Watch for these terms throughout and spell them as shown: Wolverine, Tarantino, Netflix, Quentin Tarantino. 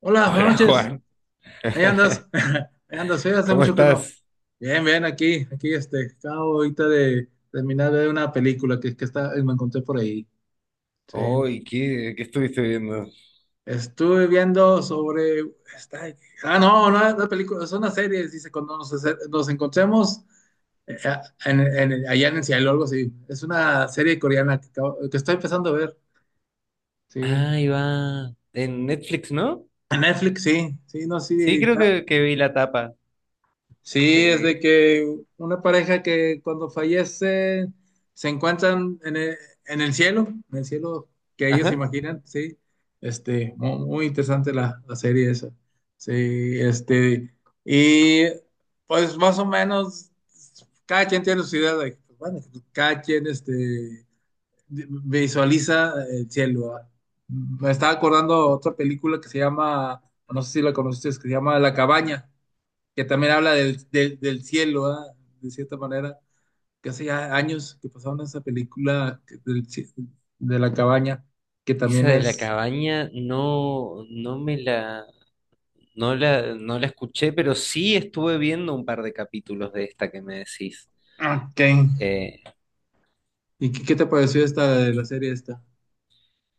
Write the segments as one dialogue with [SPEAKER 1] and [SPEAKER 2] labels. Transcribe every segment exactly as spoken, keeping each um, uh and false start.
[SPEAKER 1] Hola, buenas
[SPEAKER 2] Hola
[SPEAKER 1] noches.
[SPEAKER 2] Juan,
[SPEAKER 1] Ahí andas. Ahí andas. Sí, hace
[SPEAKER 2] ¿Cómo
[SPEAKER 1] mucho que no.
[SPEAKER 2] estás?
[SPEAKER 1] Bien, bien, aquí, aquí este. Acabo ahorita de terminar de ver una película que, que está, eh, me encontré por ahí. Sí.
[SPEAKER 2] Hoy, ¿qué, qué estuviste viendo?
[SPEAKER 1] Estuve viendo sobre. Está, ah, no, no es una película, es una serie. Dice, cuando nos, acer- nos encontremos, eh, en- en- allá en el cielo, algo así. Es una serie coreana que, acabo- que estoy empezando a ver. Sí.
[SPEAKER 2] Ahí va, en Netflix, ¿no?
[SPEAKER 1] En Netflix, sí. Sí, no,
[SPEAKER 2] Sí,
[SPEAKER 1] sí.
[SPEAKER 2] creo que, que vi la tapa.
[SPEAKER 1] Sí, es de
[SPEAKER 2] Eh,
[SPEAKER 1] que una pareja que cuando fallece se encuentran en el, en el, cielo, en el cielo que ellos
[SPEAKER 2] ajá.
[SPEAKER 1] imaginan, sí. Este, mu- muy, interesante la, la serie esa. Sí, este, y pues más o menos cada quien tiene su idea de, pues, bueno, cada quien este, visualiza el cielo, ¿verdad? Me estaba acordando otra película que se llama, no sé si la conociste, que se llama La Cabaña, que también habla del, del, del, cielo, ¿verdad? De cierta manera, que hace ya años que pasaron esa película del, ci- de la cabaña, que
[SPEAKER 2] Esa
[SPEAKER 1] también
[SPEAKER 2] de la
[SPEAKER 1] es...
[SPEAKER 2] cabaña no, no me la, no la, no la escuché, pero sí estuve viendo un par de capítulos de esta que me decís.
[SPEAKER 1] Ok.
[SPEAKER 2] Eh,
[SPEAKER 1] ¿Y qué, qué te pareció esta de la serie esta?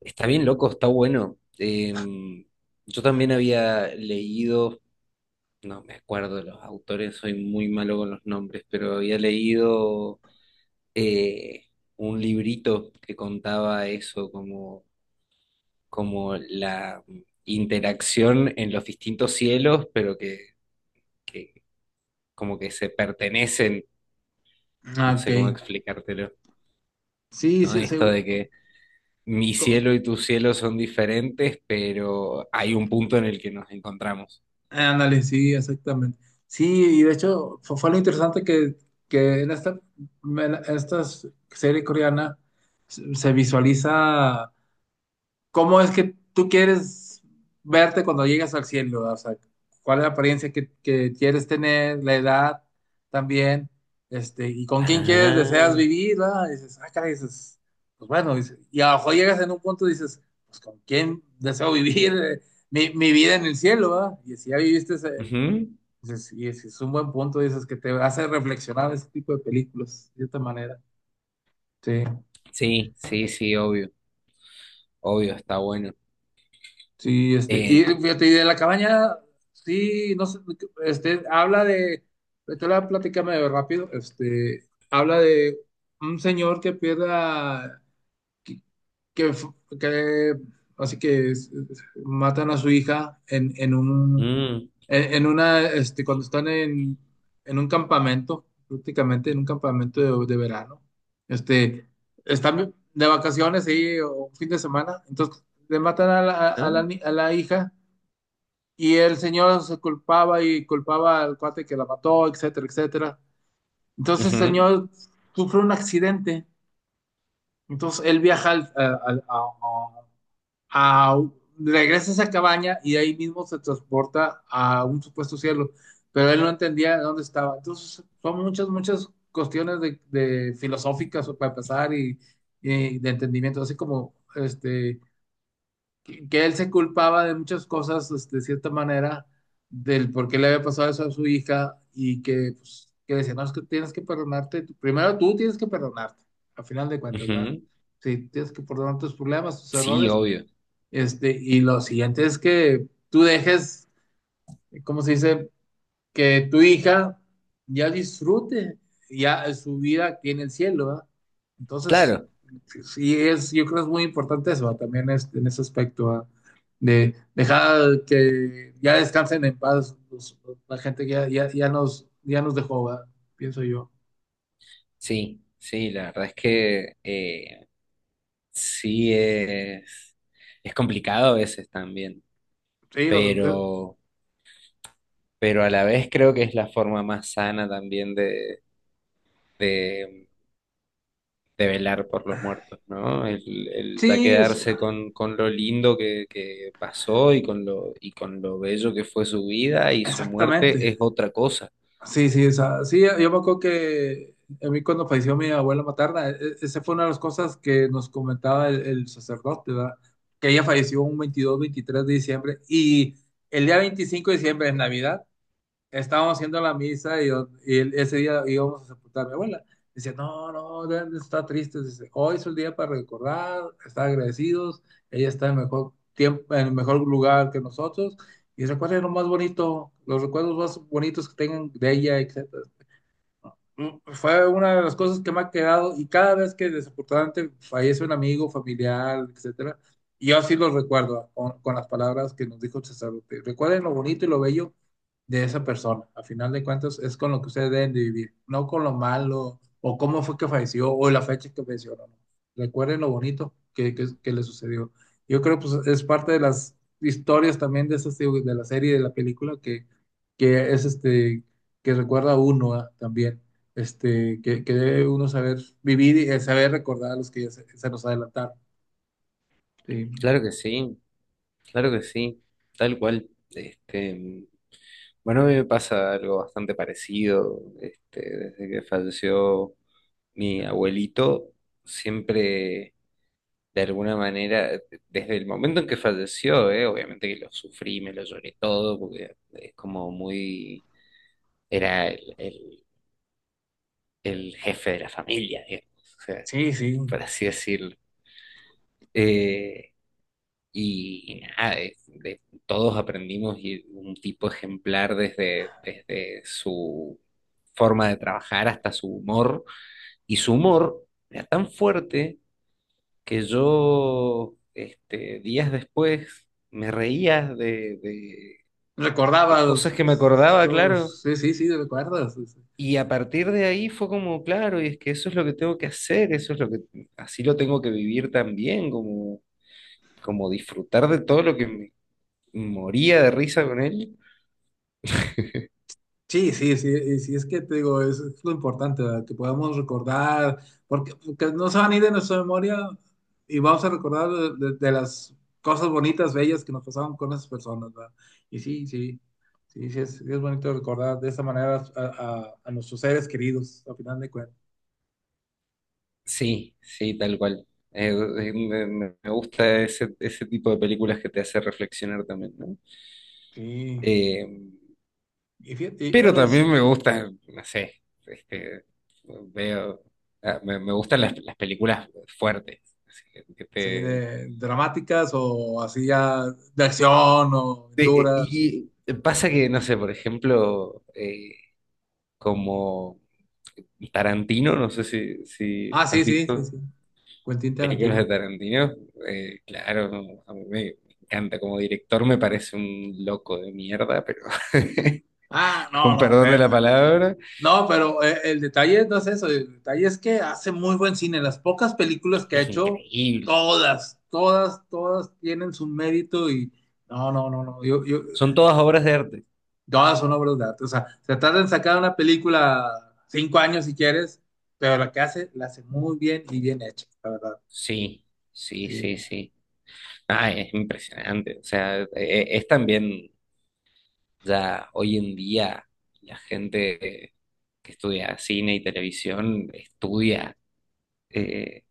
[SPEAKER 2] está bien loco, está bueno. Em, yo también había leído. No me acuerdo de los autores, soy muy malo con los nombres, pero había leído eh, un librito que contaba eso, como, como la interacción en los distintos cielos, pero que, que como que se pertenecen,
[SPEAKER 1] Ah,
[SPEAKER 2] no
[SPEAKER 1] ok.
[SPEAKER 2] sé cómo explicártelo,
[SPEAKER 1] Sí,
[SPEAKER 2] ¿no?
[SPEAKER 1] se, se-
[SPEAKER 2] Esto de que mi
[SPEAKER 1] co-
[SPEAKER 2] cielo y tu cielo son diferentes, pero hay un punto en el que nos encontramos.
[SPEAKER 1] ándale, sí, exactamente. Sí, y de hecho fue, fue, lo interesante que, que en esta, en esta serie coreana se visualiza. ¿Cómo es que tú quieres verte cuando llegas al cielo? O sea, ¿cuál es la apariencia que, que quieres tener? ¿La edad también? Este, ¿y con quién quieres, deseas
[SPEAKER 2] Ah,
[SPEAKER 1] vivir, ¿verdad? Y dices, ah, caray, dices, pues bueno, dices, y a lo mejor llegas en un punto y dices, pues con quién deseo vivir, eh, mi, mi vida en el cielo, ¿verdad? Y si ya viviste ese,
[SPEAKER 2] ujú.
[SPEAKER 1] dices, y es, es un buen punto, dices, que te hace reflexionar ese tipo de películas, de esta manera. Sí.
[SPEAKER 2] Sí, sí, sí, obvio, obvio, está bueno.
[SPEAKER 1] Sí, este, y
[SPEAKER 2] Eh,
[SPEAKER 1] fíjate, y de la cabaña, sí, no sé, este, habla de, te la platicame rápido, este, habla de un señor que pierde, que, fu- que así que s- s- matan a su hija en, en un
[SPEAKER 2] Mm,
[SPEAKER 1] en, en una este cuando están en, en, un campamento, prácticamente en un campamento de, de verano. Este están de vacaciones ahí o un fin de semana, entonces le matan a la, a
[SPEAKER 2] ajá,
[SPEAKER 1] la, ni- a la hija y el señor se culpaba y culpaba al cuate que la mató, etcétera, etcétera. Entonces el
[SPEAKER 2] ujú,
[SPEAKER 1] señor sufre un accidente. Entonces él viaja, al- a, a- a- a, regresa a esa cabaña y de ahí mismo se transporta a un supuesto cielo, pero él no entendía dónde estaba. Entonces, son muchas, muchas cuestiones de, de, filosóficas para pasar y, y de entendimiento, así como este, que, que él se culpaba de muchas cosas, este, de cierta manera, del por qué le había pasado eso a su hija y que, pues, que decía, no, es que tienes que perdonarte, tú- primero tú tienes que perdonarte, a final de cuentas, ¿verdad?
[SPEAKER 2] ujú.
[SPEAKER 1] Sí, tienes que perdonar tus problemas, tus
[SPEAKER 2] Sí,
[SPEAKER 1] errores,
[SPEAKER 2] obvio.
[SPEAKER 1] este, y lo siguiente es que tú dejes, ¿cómo se dice? Que tu hija ya disfrute ya su vida aquí en el cielo, ¿verdad? Entonces,
[SPEAKER 2] Claro,
[SPEAKER 1] sí es, yo creo que es muy importante eso, ¿verdad? También este, en ese aspecto, ¿verdad? De dejar que ya descansen en paz los- la gente que ya, ya, ya nos, ya nos dejó, ¿verdad? Pienso yo.
[SPEAKER 2] sí, sí, la verdad es que eh, sí es, es complicado a veces también,
[SPEAKER 1] Sí, lo- eh,
[SPEAKER 2] pero, pero a la vez creo que es la forma más sana también de, de, de velar por los muertos, ¿no? El, el ya
[SPEAKER 1] sí, es-
[SPEAKER 2] quedarse con, con lo lindo que, que pasó y con lo, y con lo bello que fue su vida y su muerte
[SPEAKER 1] exactamente.
[SPEAKER 2] es otra cosa.
[SPEAKER 1] Sí, sí, o sea, sí, yo me acuerdo que a mí cuando falleció mi abuela materna, e- e- esa fue una de las cosas que nos comentaba el, el, sacerdote, ¿verdad? Que ella falleció un veintidós, veintitrés de diciembre, y el día veinticinco de diciembre, en Navidad, estábamos haciendo la misa y, yo- y él- ese día íbamos a sepultar a mi abuela. Dice, no, no, Dan, está triste. Dice, hoy es el día para recordar, estar agradecidos. Ella está en el mejor tiempo, en el mejor lugar que nosotros. Y recuerden lo más bonito, los recuerdos más bonitos que tengan de ella, etcétera. Mm, fue una de las cosas que me ha quedado, y cada vez que desafortunadamente fallece un amigo, familiar, etcétera, y yo así lo recuerdo con, con las palabras que nos dijo el sacerdote. Recuerden lo bonito y lo bello de esa persona. A final de cuentas es con lo que ustedes deben de vivir, no con lo malo o cómo fue que falleció o la fecha que falleció. No, no. Recuerden lo bonito que, que, que le sucedió. Yo creo que pues, es parte de las historias también de, esas, digo, de la serie, de la película que, que es este que recuerda a uno, ah, también, este, que, que debe uno saber vivir y, eh, saber recordar a los que ya se, se nos adelantaron. Sí,
[SPEAKER 2] Claro que sí. Claro que sí, tal cual. Este, bueno, a mí me pasa algo bastante parecido. Este, desde que falleció mi abuelito, siempre, de alguna manera, desde el momento en que falleció, eh, obviamente que lo sufrí, me lo lloré todo, porque es como muy, era el, el- el jefe de la familia, digamos, o sea,
[SPEAKER 1] sí, sí.
[SPEAKER 2] por así decirlo. Eh, Y nada, de- de- todos aprendimos y un tipo ejemplar desde, desde su forma de trabajar hasta su humor. Y su humor era tan fuerte que yo, este, días después, me reía de, de- de cosas
[SPEAKER 1] Recordabas
[SPEAKER 2] que me acordaba, claro.
[SPEAKER 1] los, sí, sí, sí, recuerdas. Sí,
[SPEAKER 2] Y a partir de ahí fue como, claro, y es que eso es lo que tengo que hacer, eso es lo que, así lo tengo que vivir también, como, como disfrutar de todo lo que me moría de risa con él.
[SPEAKER 1] sí, sí, sí, sí, y sí, es que te digo, es, es lo importante, ¿verdad? Que podamos recordar, porque, porque no se van a ir de nuestra memoria y vamos a recordar de, de- de las cosas bonitas, bellas que nos pasaron con esas personas, ¿verdad? Y sí, sí, sí, sí, es, sí es bonito recordar de esa manera, a, a- a nuestros seres queridos, al final de cuentas.
[SPEAKER 2] Sí, sí, tal cual. Eh, eh, me, me- me gusta ese, ese tipo de películas que te hace reflexionar también, ¿no?
[SPEAKER 1] Sí.
[SPEAKER 2] Eh,
[SPEAKER 1] Y, fíjate, y
[SPEAKER 2] pero
[SPEAKER 1] bueno, y, sí,
[SPEAKER 2] también me gusta, no sé, este, veo, ah, me, me gustan las, las películas fuertes. Así que- que te-
[SPEAKER 1] de dramáticas o así ya de acción o
[SPEAKER 2] de-
[SPEAKER 1] aventuras.
[SPEAKER 2] y pasa que, no sé, por ejemplo, eh, como Tarantino, no sé si, si
[SPEAKER 1] Ah, sí,
[SPEAKER 2] has
[SPEAKER 1] sí, sí,
[SPEAKER 2] visto.
[SPEAKER 1] sí. Quentin
[SPEAKER 2] Películas de
[SPEAKER 1] Tarantino.
[SPEAKER 2] Tarantino, eh, claro, no, a mí me, encanta. Como director me parece un loco de mierda, pero
[SPEAKER 1] Ah, no,
[SPEAKER 2] con
[SPEAKER 1] no,
[SPEAKER 2] perdón de
[SPEAKER 1] pero,
[SPEAKER 2] la palabra,
[SPEAKER 1] no, pero, eh, el detalle no es eso. El detalle es que hace muy buen cine. Las pocas películas que ha
[SPEAKER 2] es
[SPEAKER 1] hecho,
[SPEAKER 2] increíble.
[SPEAKER 1] todas, todas, todas tienen su mérito, y no, no, no, no. Yo, yo,
[SPEAKER 2] Son todas obras de arte.
[SPEAKER 1] todas son obras de arte. O sea, se tarda en sacar una película cinco años si quieres, pero la que hace, la hace muy bien y bien hecha, la verdad.
[SPEAKER 2] Sí, sí,
[SPEAKER 1] Sí.
[SPEAKER 2] sí, sí. Ah, es impresionante. O sea, e- e- es también ya hoy en día la gente que estudia cine y televisión estudia eh,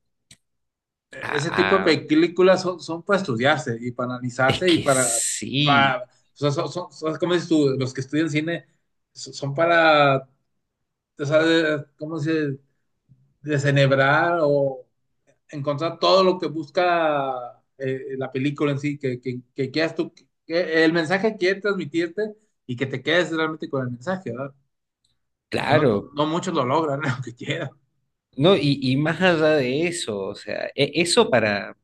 [SPEAKER 2] a,
[SPEAKER 1] e-, Ese tipo de
[SPEAKER 2] a-
[SPEAKER 1] películas son, son, para estudiarse y para
[SPEAKER 2] es
[SPEAKER 1] analizarse y
[SPEAKER 2] que
[SPEAKER 1] para,
[SPEAKER 2] sí,
[SPEAKER 1] para o sea, son, son- son- ¿cómo dices tú? Los que estudian cine so- son para, o sea, de- ¿cómo se desenhebrar o encontrar todo lo que busca, eh, la película en sí, que, que, que quieras tú, que el mensaje que quiere transmitirte y que te quedes realmente con el mensaje, ¿verdad? Que no, to-
[SPEAKER 2] claro.
[SPEAKER 1] no muchos lo logran, lo que quieran.
[SPEAKER 2] No, y, y más allá de eso, o sea, e- eso para,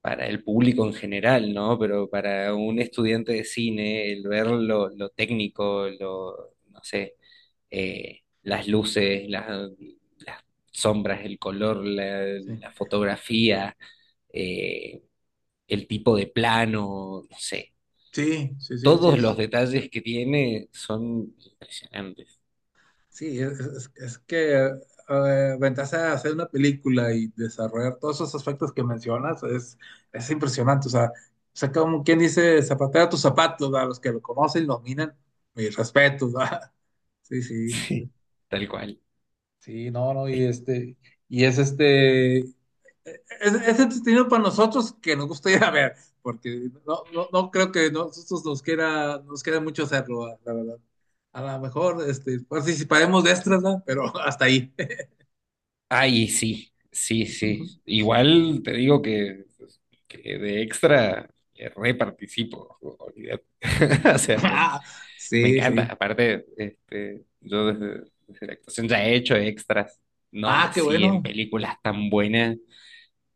[SPEAKER 2] para el público en general, ¿no? Pero para un estudiante de cine, el ver lo, lo técnico, lo, no sé, eh, las luces, las, las sombras, el color, la,
[SPEAKER 1] Sí,
[SPEAKER 2] la fotografía, eh, el tipo de plano, no sé,
[SPEAKER 1] sí, sí, sí,
[SPEAKER 2] todos
[SPEAKER 1] sí.
[SPEAKER 2] los detalles que tiene son impresionantes.
[SPEAKER 1] Sí, es, es- es que, eh, ventaja de hacer una película y desarrollar todos esos aspectos que mencionas es, es impresionante. O sea, o sea, como quien dice, zapatero a tus zapatos, a los que lo conocen y lo miran, mis respetos, ¿verdad? Sí, sí,
[SPEAKER 2] Sí, tal cual.
[SPEAKER 1] sí, no, no, y este, y es este, es, es entretenido para nosotros que nos gusta ir a ver, porque no, no, no creo que nosotros nos quiera, nos queda mucho hacerlo, la verdad. A lo mejor, este, participaremos de extras, ¿verdad? Pero hasta ahí.
[SPEAKER 2] Ay, sí, sí, sí. Igual te digo que, pues, que de extra eh, re participo, olvídate. O sea,
[SPEAKER 1] Ah,
[SPEAKER 2] me
[SPEAKER 1] sí,
[SPEAKER 2] encanta.
[SPEAKER 1] sí.
[SPEAKER 2] Aparte, este, yo desde, desde la actuación ya he hecho extras, no
[SPEAKER 1] Ah, qué
[SPEAKER 2] así en
[SPEAKER 1] bueno.
[SPEAKER 2] películas tan buenas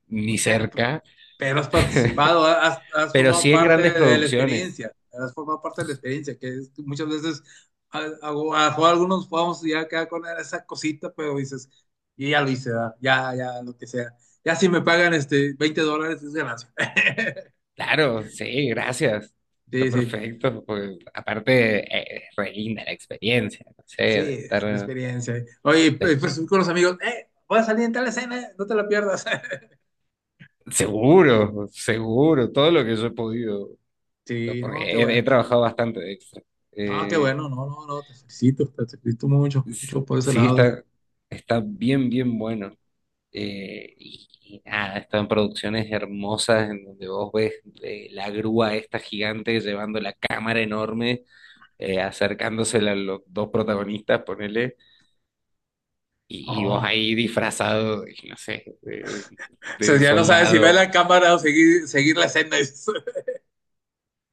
[SPEAKER 2] ni
[SPEAKER 1] Pe-
[SPEAKER 2] cerca,
[SPEAKER 1] Pero has participado, has, has
[SPEAKER 2] pero
[SPEAKER 1] formado
[SPEAKER 2] sí en
[SPEAKER 1] parte
[SPEAKER 2] grandes
[SPEAKER 1] de la
[SPEAKER 2] producciones.
[SPEAKER 1] experiencia, has formado parte de la experiencia, que es- muchas veces, a, a- a- a algunos podemos ya quedar con esa cosita, pero dices, y ya lo hice, ¿verdad? Ya, ya, lo que sea. Ya si me pagan este veinte dólares es ganancia.
[SPEAKER 2] Claro, sí, gracias. Está
[SPEAKER 1] Sí, sí,
[SPEAKER 2] perfecto. Porque aparte, eh, es re linda la experiencia, no sé, de
[SPEAKER 1] sí, es una
[SPEAKER 2] estar
[SPEAKER 1] experiencia. Oye,
[SPEAKER 2] de
[SPEAKER 1] pues pues, con los amigos, eh, voy a salir en tal escena, eh, no te la pierdas.
[SPEAKER 2] Seguro, seguro, todo lo que yo he podido,
[SPEAKER 1] Sí,
[SPEAKER 2] porque
[SPEAKER 1] no, qué
[SPEAKER 2] he,
[SPEAKER 1] bueno.
[SPEAKER 2] he trabajado bastante extra.
[SPEAKER 1] Ah, qué
[SPEAKER 2] Eh,
[SPEAKER 1] bueno, no, no, no, te felicito, te felicito mucho,
[SPEAKER 2] s-
[SPEAKER 1] mucho por ese
[SPEAKER 2] sí,
[SPEAKER 1] lado. Adri.
[SPEAKER 2] está, está bien, bien bueno. Eh, y, y nada, están producciones hermosas en donde vos ves eh, la grúa esta gigante llevando la cámara enorme, eh, acercándosela a los dos protagonistas, ponele, y, y vos
[SPEAKER 1] No,
[SPEAKER 2] ahí disfrazado, de, no sé, de
[SPEAKER 1] o sea,
[SPEAKER 2] de
[SPEAKER 1] ya no sabes si ver
[SPEAKER 2] soldado.
[SPEAKER 1] la cámara o seguir, seguir la escena.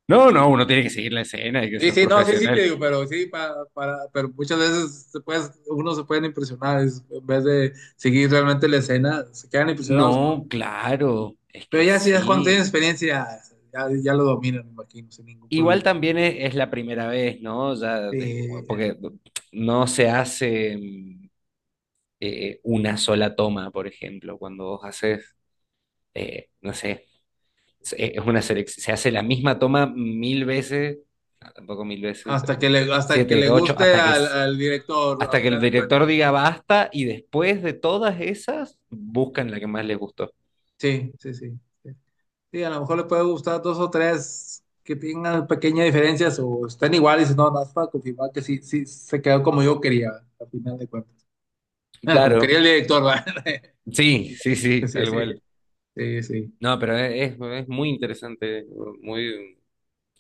[SPEAKER 2] No, no, uno tiene que seguir la escena, hay que
[SPEAKER 1] Sí,
[SPEAKER 2] ser
[SPEAKER 1] sí, no, sí, sí, te
[SPEAKER 2] profesional.
[SPEAKER 1] digo, pero sí, para, para, pero muchas veces se puede- uno se pueden impresionar, es- en vez de seguir realmente la escena, se quedan impresionados con...
[SPEAKER 2] No, claro, es
[SPEAKER 1] Pero
[SPEAKER 2] que
[SPEAKER 1] ya sí, ya cuando tienen
[SPEAKER 2] sí.
[SPEAKER 1] experiencia, ya, ya lo dominan, me imagino, sin ningún
[SPEAKER 2] Igual
[SPEAKER 1] problema.
[SPEAKER 2] también es, es la primera vez, ¿no? Ya después,
[SPEAKER 1] Sí,
[SPEAKER 2] porque no se hace mm, eh, una sola toma, por ejemplo, cuando vos haces, eh, no sé, es es una selección, se hace la misma toma mil veces, no, tampoco mil veces,
[SPEAKER 1] hasta que
[SPEAKER 2] pero
[SPEAKER 1] le, hasta que le
[SPEAKER 2] siete, ocho,
[SPEAKER 1] guste
[SPEAKER 2] hasta que
[SPEAKER 1] al,
[SPEAKER 2] es-
[SPEAKER 1] al director, al
[SPEAKER 2] hasta que el
[SPEAKER 1] final de cuentas.
[SPEAKER 2] director diga basta y después de todas esas buscan la que más les gustó.
[SPEAKER 1] Sí, sí, sí. sí. Sí, a lo mejor le puede gustar dos o tres que tengan pequeñas diferencias o estén iguales. No, no, es para confirmar que sí, sí se quedó como yo quería, al final de cuentas. Ah, como quería
[SPEAKER 2] Claro,
[SPEAKER 1] el director, ¿verdad?
[SPEAKER 2] sí, sí, sí,
[SPEAKER 1] Sí,
[SPEAKER 2] tal
[SPEAKER 1] sí,
[SPEAKER 2] cual.
[SPEAKER 1] sí, sí.
[SPEAKER 2] No, pero es, es muy interesante, muy,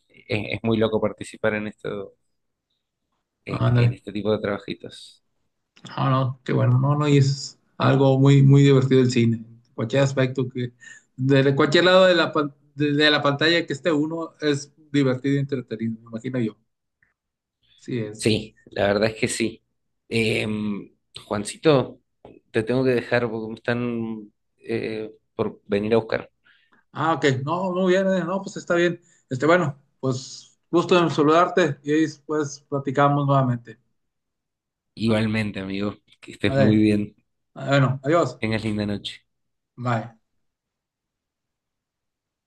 [SPEAKER 2] es, es muy loco participar en esto, en, en
[SPEAKER 1] Ándale.
[SPEAKER 2] este tipo de trabajitos.
[SPEAKER 1] No, no, qué bueno. No, no, y es algo muy, muy divertido el cine. Cualquier aspecto que, de cualquier lado de la, pan- de de la pantalla que esté uno, es divertido y entretenido, me imagino yo. Sí, es.
[SPEAKER 2] Sí, la verdad es que sí. Em, Juancito, te tengo que dejar porque me están eh, por venir a buscar.
[SPEAKER 1] Ah, ok. No, no viene. No, pues está bien. Este, bueno, pues gusto en saludarte y ahí, pues platicamos nuevamente.
[SPEAKER 2] Igualmente, amigo, que estés muy
[SPEAKER 1] Vale.
[SPEAKER 2] bien.
[SPEAKER 1] ah, Bueno, adiós.
[SPEAKER 2] Tengas linda noche.
[SPEAKER 1] Bye.